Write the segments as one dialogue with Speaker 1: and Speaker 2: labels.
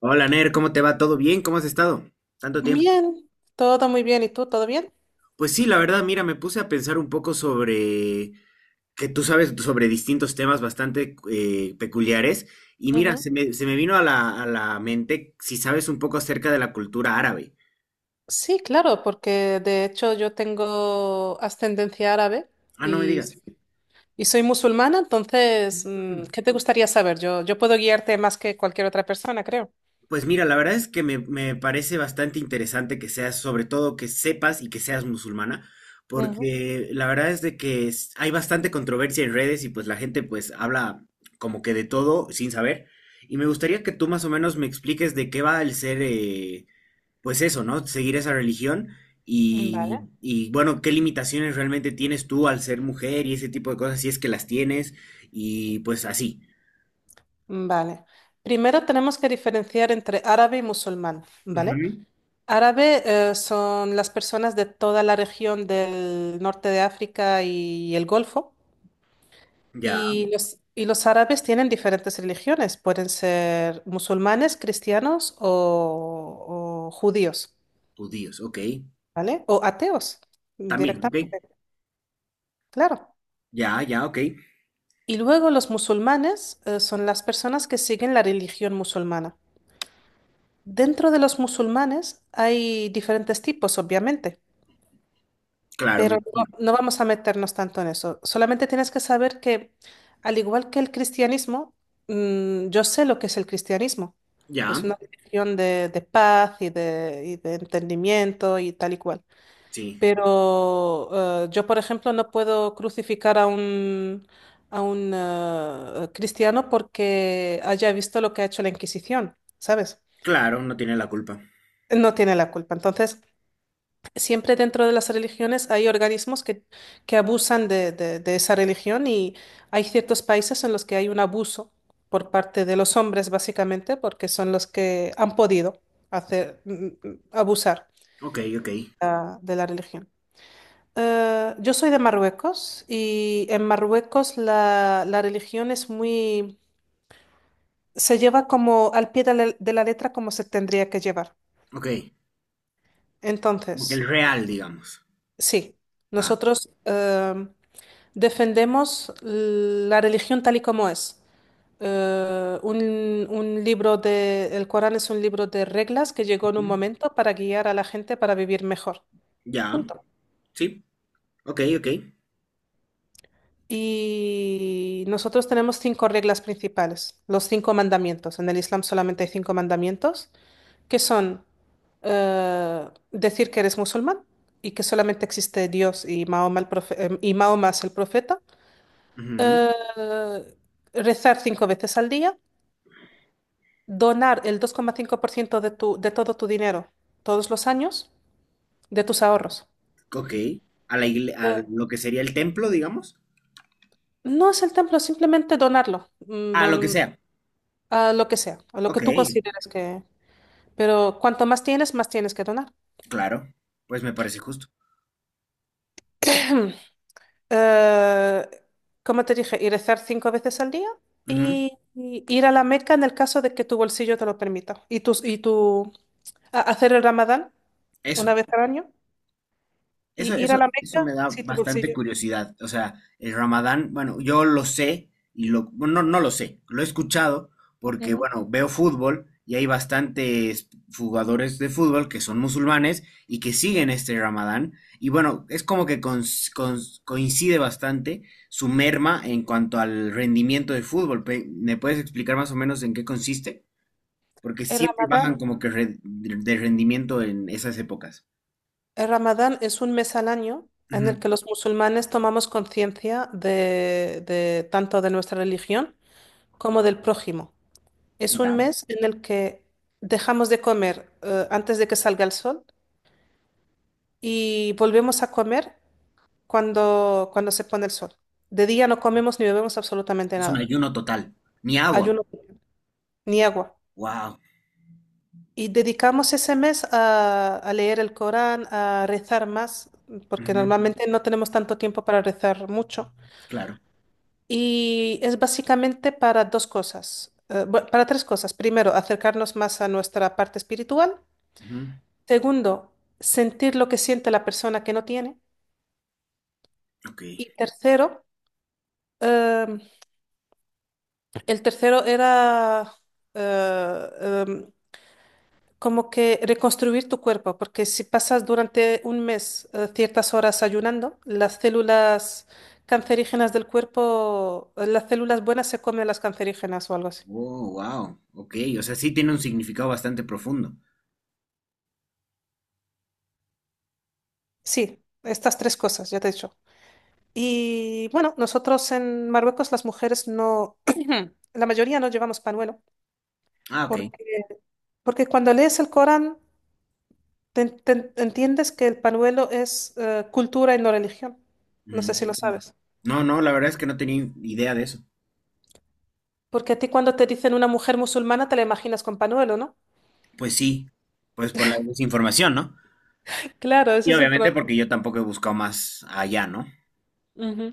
Speaker 1: Hola Ner, ¿cómo te va? ¿Todo bien? ¿Cómo has estado? Tanto tiempo.
Speaker 2: Bien, todo muy bien. ¿Y tú, todo bien?
Speaker 1: Pues sí, la verdad, mira, me puse a pensar un poco sobre que tú sabes sobre distintos temas bastante peculiares y mira,
Speaker 2: Ujú.
Speaker 1: se me vino a a la mente si sabes un poco acerca de la cultura árabe.
Speaker 2: Sí, claro, porque de hecho yo tengo ascendencia árabe
Speaker 1: Ah, no me
Speaker 2: y,
Speaker 1: digas.
Speaker 2: y soy musulmana, entonces, ¿qué te gustaría saber? Yo puedo guiarte más que cualquier otra persona, creo.
Speaker 1: Pues mira, la verdad es que me parece bastante interesante que seas, sobre todo que sepas y que seas musulmana,
Speaker 2: Ujú.
Speaker 1: porque la verdad es de que hay bastante controversia en redes y pues la gente pues habla como que de todo sin saber. Y me gustaría que tú más o menos me expliques de qué va el ser, pues eso, ¿no? Seguir esa religión
Speaker 2: Vale.
Speaker 1: y bueno, qué limitaciones realmente tienes tú al ser mujer y ese tipo de cosas, si es que las tienes y pues así.
Speaker 2: Vale. Primero tenemos que diferenciar entre árabe y musulmán, ¿vale?
Speaker 1: Ujú.
Speaker 2: Árabe, son las personas de toda la región del norte de África y el Golfo.
Speaker 1: Ya,
Speaker 2: Y los árabes tienen diferentes religiones, pueden ser musulmanes, cristianos o judíos,
Speaker 1: judíos, ok.
Speaker 2: ¿vale? O ateos
Speaker 1: También, ok.
Speaker 2: directamente, claro.
Speaker 1: Ya, ya, ok.
Speaker 2: Y luego los musulmanes son las personas que siguen la religión musulmana. Dentro de los musulmanes hay diferentes tipos, obviamente.
Speaker 1: Claro, me
Speaker 2: Pero no,
Speaker 1: imagino.
Speaker 2: no vamos a meternos tanto en eso. Solamente tienes que saber que, al igual que el cristianismo, yo sé lo que es el cristianismo.
Speaker 1: Ya,
Speaker 2: Es una religión de paz y de entendimiento y tal y cual.
Speaker 1: sí.
Speaker 2: Pero yo, por ejemplo, no puedo crucificar a un cristiano porque haya visto lo que ha hecho la Inquisición, ¿sabes?
Speaker 1: Claro, no tiene la culpa.
Speaker 2: No tiene la culpa. Entonces, siempre dentro de las religiones hay organismos que abusan de esa religión y hay ciertos países en los que hay un abuso por parte de los hombres, básicamente, porque son los que han podido hacer, abusar
Speaker 1: Ok, ok,
Speaker 2: de la religión. Yo soy de Marruecos y en Marruecos la, la religión es se lleva como al pie de la letra como se tendría que llevar.
Speaker 1: ok. El
Speaker 2: Entonces,
Speaker 1: real, digamos.
Speaker 2: sí,
Speaker 1: Va.
Speaker 2: nosotros defendemos la religión tal y como es. El Corán es un libro de reglas que llegó en un
Speaker 1: Ujú.
Speaker 2: momento para guiar a la gente para vivir mejor.
Speaker 1: Ya,
Speaker 2: Punto.
Speaker 1: sí. Ok, ok.
Speaker 2: Y nosotros tenemos cinco reglas principales, los cinco mandamientos. En el Islam solamente hay cinco mandamientos, que son decir que eres musulmán y que solamente existe Dios y Mahoma, y Mahoma es el profeta,
Speaker 1: Ujú.
Speaker 2: eh, rezar cinco veces al día donar el 2,5% de todo tu dinero todos los años, de tus ahorros.
Speaker 1: Ok. A la igle- a
Speaker 2: Eh,
Speaker 1: lo que sería el templo, digamos.
Speaker 2: no es el templo, simplemente donarlo,
Speaker 1: A lo que sea.
Speaker 2: a lo que sea, a lo que
Speaker 1: Ok,
Speaker 2: tú consideres que... Pero cuanto más tienes que donar.
Speaker 1: claro. Pues me parece justo.
Speaker 2: Eh, Como te dije, y rezar cinco veces al día
Speaker 1: Ujú.
Speaker 2: y ir a la Meca en el caso de que tu bolsillo te lo permita. Y tus y tu, a- hacer el Ramadán
Speaker 1: Eso.
Speaker 2: una vez al año
Speaker 1: Eso,
Speaker 2: y ir
Speaker 1: eso,
Speaker 2: a la
Speaker 1: eso
Speaker 2: Meca
Speaker 1: me da
Speaker 2: si tu
Speaker 1: bastante
Speaker 2: bolsillo.
Speaker 1: curiosidad. O sea, el Ramadán, bueno, yo lo sé y lo, bueno, no, no lo sé, lo he escuchado porque,
Speaker 2: Ujú.
Speaker 1: bueno, veo fútbol y hay bastantes jugadores de fútbol que son musulmanes y que siguen este Ramadán. Y bueno, es como que coincide bastante su merma en cuanto al rendimiento del fútbol. ¿Me puedes explicar más o menos en qué consiste? Porque
Speaker 2: El
Speaker 1: siempre bajan
Speaker 2: Ramadán
Speaker 1: como que de rendimiento en esas épocas.
Speaker 2: El Ramadán es un mes al año en el
Speaker 1: Ujú.
Speaker 2: que los musulmanes tomamos conciencia de tanto de nuestra religión como del prójimo. Es un
Speaker 1: Ya.
Speaker 2: mes en el que dejamos de comer antes de que salga el sol y volvemos a comer cuando se pone el sol. De día no comemos ni bebemos absolutamente
Speaker 1: Es un
Speaker 2: nada,
Speaker 1: ayuno total. Ni agua.
Speaker 2: ayuno ni agua.
Speaker 1: Wow.
Speaker 2: Y dedicamos ese mes a leer el Corán, a rezar más, porque
Speaker 1: Ujú,
Speaker 2: normalmente no tenemos tanto tiempo para rezar mucho.
Speaker 1: claro.
Speaker 2: Y es básicamente para dos cosas, para tres cosas. Primero, acercarnos más a nuestra parte espiritual.
Speaker 1: Ujú,
Speaker 2: Segundo, sentir lo que siente la persona que no tiene.
Speaker 1: ok.
Speaker 2: Y tercero, em, el tercero era eh, em, como que reconstruir tu cuerpo, porque si pasas durante un mes ciertas horas ayunando, las células cancerígenas del cuerpo, las células buenas se comen las cancerígenas o algo así.
Speaker 1: Oh, wow. Ok. O sea, sí tiene un significado bastante profundo.
Speaker 2: Sí, estas tres cosas, ya te he dicho. Y bueno, nosotros en Marruecos las mujeres no, la mayoría no llevamos panuelo,
Speaker 1: Ah, ok.
Speaker 2: porque, porque cuando lees el Corán entiendes que el panuelo es cultura y no religión. No sé si lo
Speaker 1: Mm.
Speaker 2: sabes.
Speaker 1: No, no, la verdad es que no tenía idea de eso.
Speaker 2: Porque a ti cuando te dicen una mujer musulmana te la imaginas con panuelo, ¿no?
Speaker 1: Pues sí. Pues por la desinformación, ¿no?
Speaker 2: Claro,
Speaker 1: Y
Speaker 2: ese es el
Speaker 1: obviamente
Speaker 2: problema.
Speaker 1: porque yo tampoco he buscado más allá, ¿no?
Speaker 2: Ujú.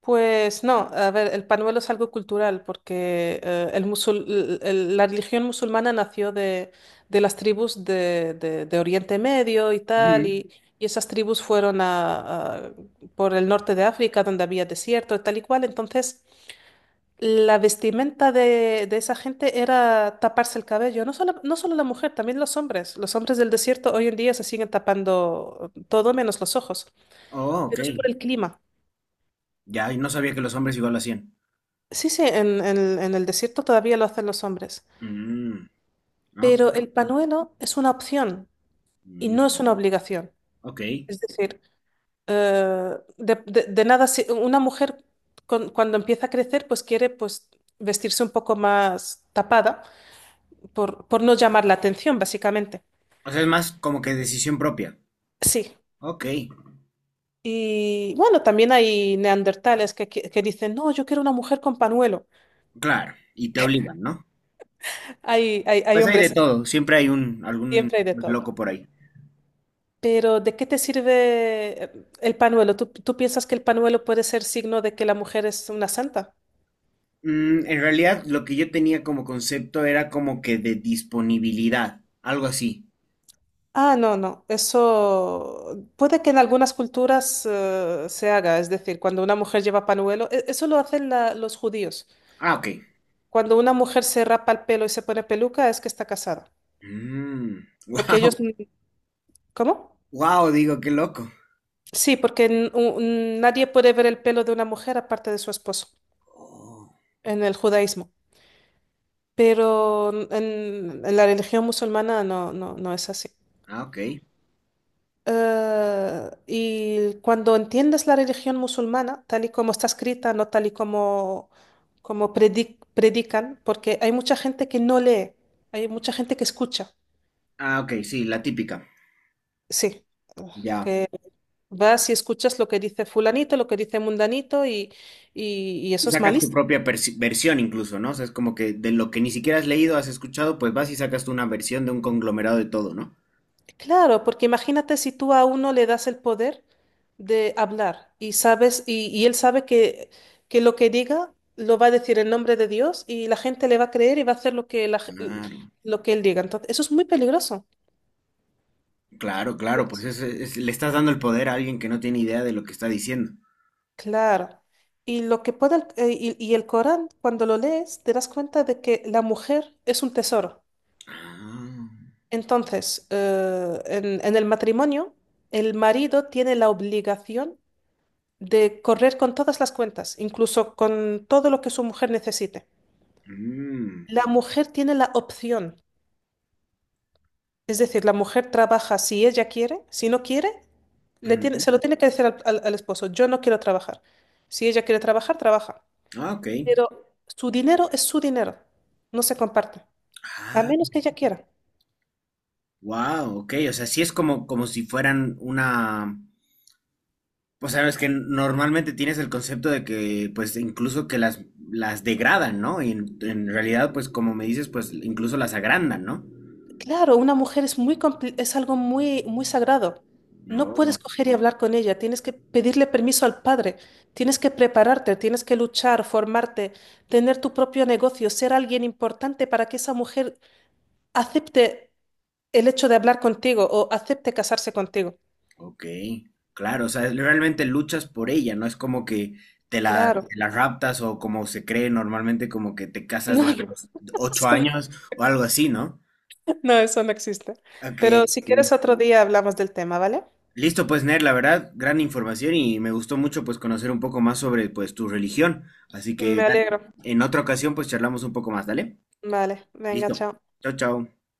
Speaker 2: Pues no, a ver, el pañuelo es algo cultural porque el musul- el- la religión musulmana nació de las tribus de Oriente Medio y tal,
Speaker 1: Ujú.
Speaker 2: y esas tribus fueron por el norte de África donde había desierto y tal y cual, entonces la vestimenta de esa gente era taparse el cabello, no solo, no solo la mujer, también los hombres. Los hombres del desierto hoy en día se siguen tapando todo menos los ojos,
Speaker 1: Oh, ok.
Speaker 2: pero es por el clima.
Speaker 1: Ya, y no sabía que los hombres igual lo hacían.
Speaker 2: Sí, sí, en el desierto todavía lo hacen los hombres,
Speaker 1: Mm, ok.
Speaker 2: pero el panuelo es una opción y
Speaker 1: Mm,
Speaker 2: no es una obligación.
Speaker 1: ok.
Speaker 2: Es decir, de nada, si- una mujer cuando empieza a crecer, pues quiere pues, vestirse un poco más tapada por no llamar la atención, básicamente.
Speaker 1: O sea, es más como que decisión propia.
Speaker 2: Sí.
Speaker 1: Ok.
Speaker 2: Y bueno, también hay neandertales que, que dicen, no, yo quiero una mujer con panuelo.
Speaker 1: Claro, y te obligan, ¿no?
Speaker 2: Hay
Speaker 1: Pues hay de
Speaker 2: hombres,
Speaker 1: todo, siempre hay un algún
Speaker 2: siempre hay de
Speaker 1: pues,
Speaker 2: todo.
Speaker 1: loco por ahí.
Speaker 2: Pero ¿de qué te sirve el panuelo? ¿Tú, tú piensas que el panuelo puede ser signo de que la mujer es una santa?
Speaker 1: Mm, en realidad, lo que yo tenía como concepto era como que de disponibilidad, algo así.
Speaker 2: Ah, no, no. Eso puede que en algunas culturas se haga. Es decir, cuando una mujer lleva panuelo, eso lo hacen los judíos.
Speaker 1: Ah, ok.
Speaker 2: Cuando una mujer se rapa el pelo y se pone peluca es que está casada. Porque
Speaker 1: Wow,
Speaker 2: ellos... ¿Cómo?
Speaker 1: wow, digo, qué loco.
Speaker 2: Sí, porque nadie puede ver el pelo de una mujer aparte de su esposo
Speaker 1: Oh,
Speaker 2: en el judaísmo. Pero en la religión musulmana no, no, no es así.
Speaker 1: ah, ok.
Speaker 2: Y cuando entiendes la religión musulmana, tal y como está escrita, no tal y como predican, porque hay mucha gente que no lee, hay mucha gente que escucha,
Speaker 1: Ah, ok, sí, la típica.
Speaker 2: sí,
Speaker 1: Ya.
Speaker 2: que vas y escuchas lo que dice fulanito, lo que dice mundanito, y
Speaker 1: Y
Speaker 2: eso es
Speaker 1: sacas tu
Speaker 2: malísimo.
Speaker 1: propia versión incluso, ¿no? O sea, es como que de lo que ni siquiera has leído, has escuchado, pues vas y sacas tú una versión de un conglomerado de todo, ¿no?
Speaker 2: Claro, porque imagínate si tú a uno le das el poder de hablar y sabes, y él sabe que lo que diga lo va a decir en nombre de Dios y la gente le va a creer y va a hacer lo que,
Speaker 1: Claro.
Speaker 2: lo que él diga. Entonces, eso es muy peligroso.
Speaker 1: Claro, claro, pues le estás dando el poder a alguien que no tiene idea de lo que está diciendo.
Speaker 2: Claro. Y lo que puede el Corán, cuando lo lees, te das cuenta de que la mujer es un tesoro.
Speaker 1: Ah,
Speaker 2: Entonces, en el matrimonio, el marido tiene la obligación de correr con todas las cuentas, incluso con todo lo que su mujer necesite.
Speaker 1: mm,
Speaker 2: La mujer tiene la opción, es decir, la mujer trabaja si ella quiere, si no quiere,
Speaker 1: ujú.
Speaker 2: se lo tiene que decir al esposo, yo no quiero trabajar. Si ella quiere trabajar, trabaja.
Speaker 1: Ah, ok.
Speaker 2: Pero su dinero es su dinero, no se comparte, a
Speaker 1: Ah,
Speaker 2: menos que ella quiera.
Speaker 1: wow, ok. O sea, sí es como, como si fueran una. O sea, es que normalmente tienes el concepto de que, pues, incluso que las degradan, ¿no? Y en realidad, pues, como me dices, pues, incluso las agrandan, ¿no?
Speaker 2: Claro, una mujer es muy es algo muy muy sagrado. No puedes
Speaker 1: No.
Speaker 2: coger y hablar con ella, tienes que pedirle permiso al padre, tienes que prepararte, tienes que luchar, formarte, tener tu propio negocio, ser alguien importante para que esa mujer acepte el hecho de hablar contigo o acepte casarse contigo.
Speaker 1: Ok, claro, o sea, realmente luchas por ella, no es como que te
Speaker 2: Claro.
Speaker 1: la raptas o como se cree normalmente, como que te casas
Speaker 2: No,
Speaker 1: desde
Speaker 2: no,
Speaker 1: los ocho
Speaker 2: eso no,
Speaker 1: años o algo así, ¿no?
Speaker 2: no, eso no existe.
Speaker 1: Ok,
Speaker 2: Pero si
Speaker 1: ok.
Speaker 2: quieres otro día hablamos del tema, ¿vale?
Speaker 1: Listo, pues Ner, la verdad, gran información y me gustó mucho pues conocer un poco más sobre pues tu religión, así que
Speaker 2: Me
Speaker 1: dale,
Speaker 2: alegro.
Speaker 1: en otra ocasión pues charlamos un poco más, ¿dale?
Speaker 2: Vale, venga,
Speaker 1: Listo,
Speaker 2: chao.
Speaker 1: chao, chao.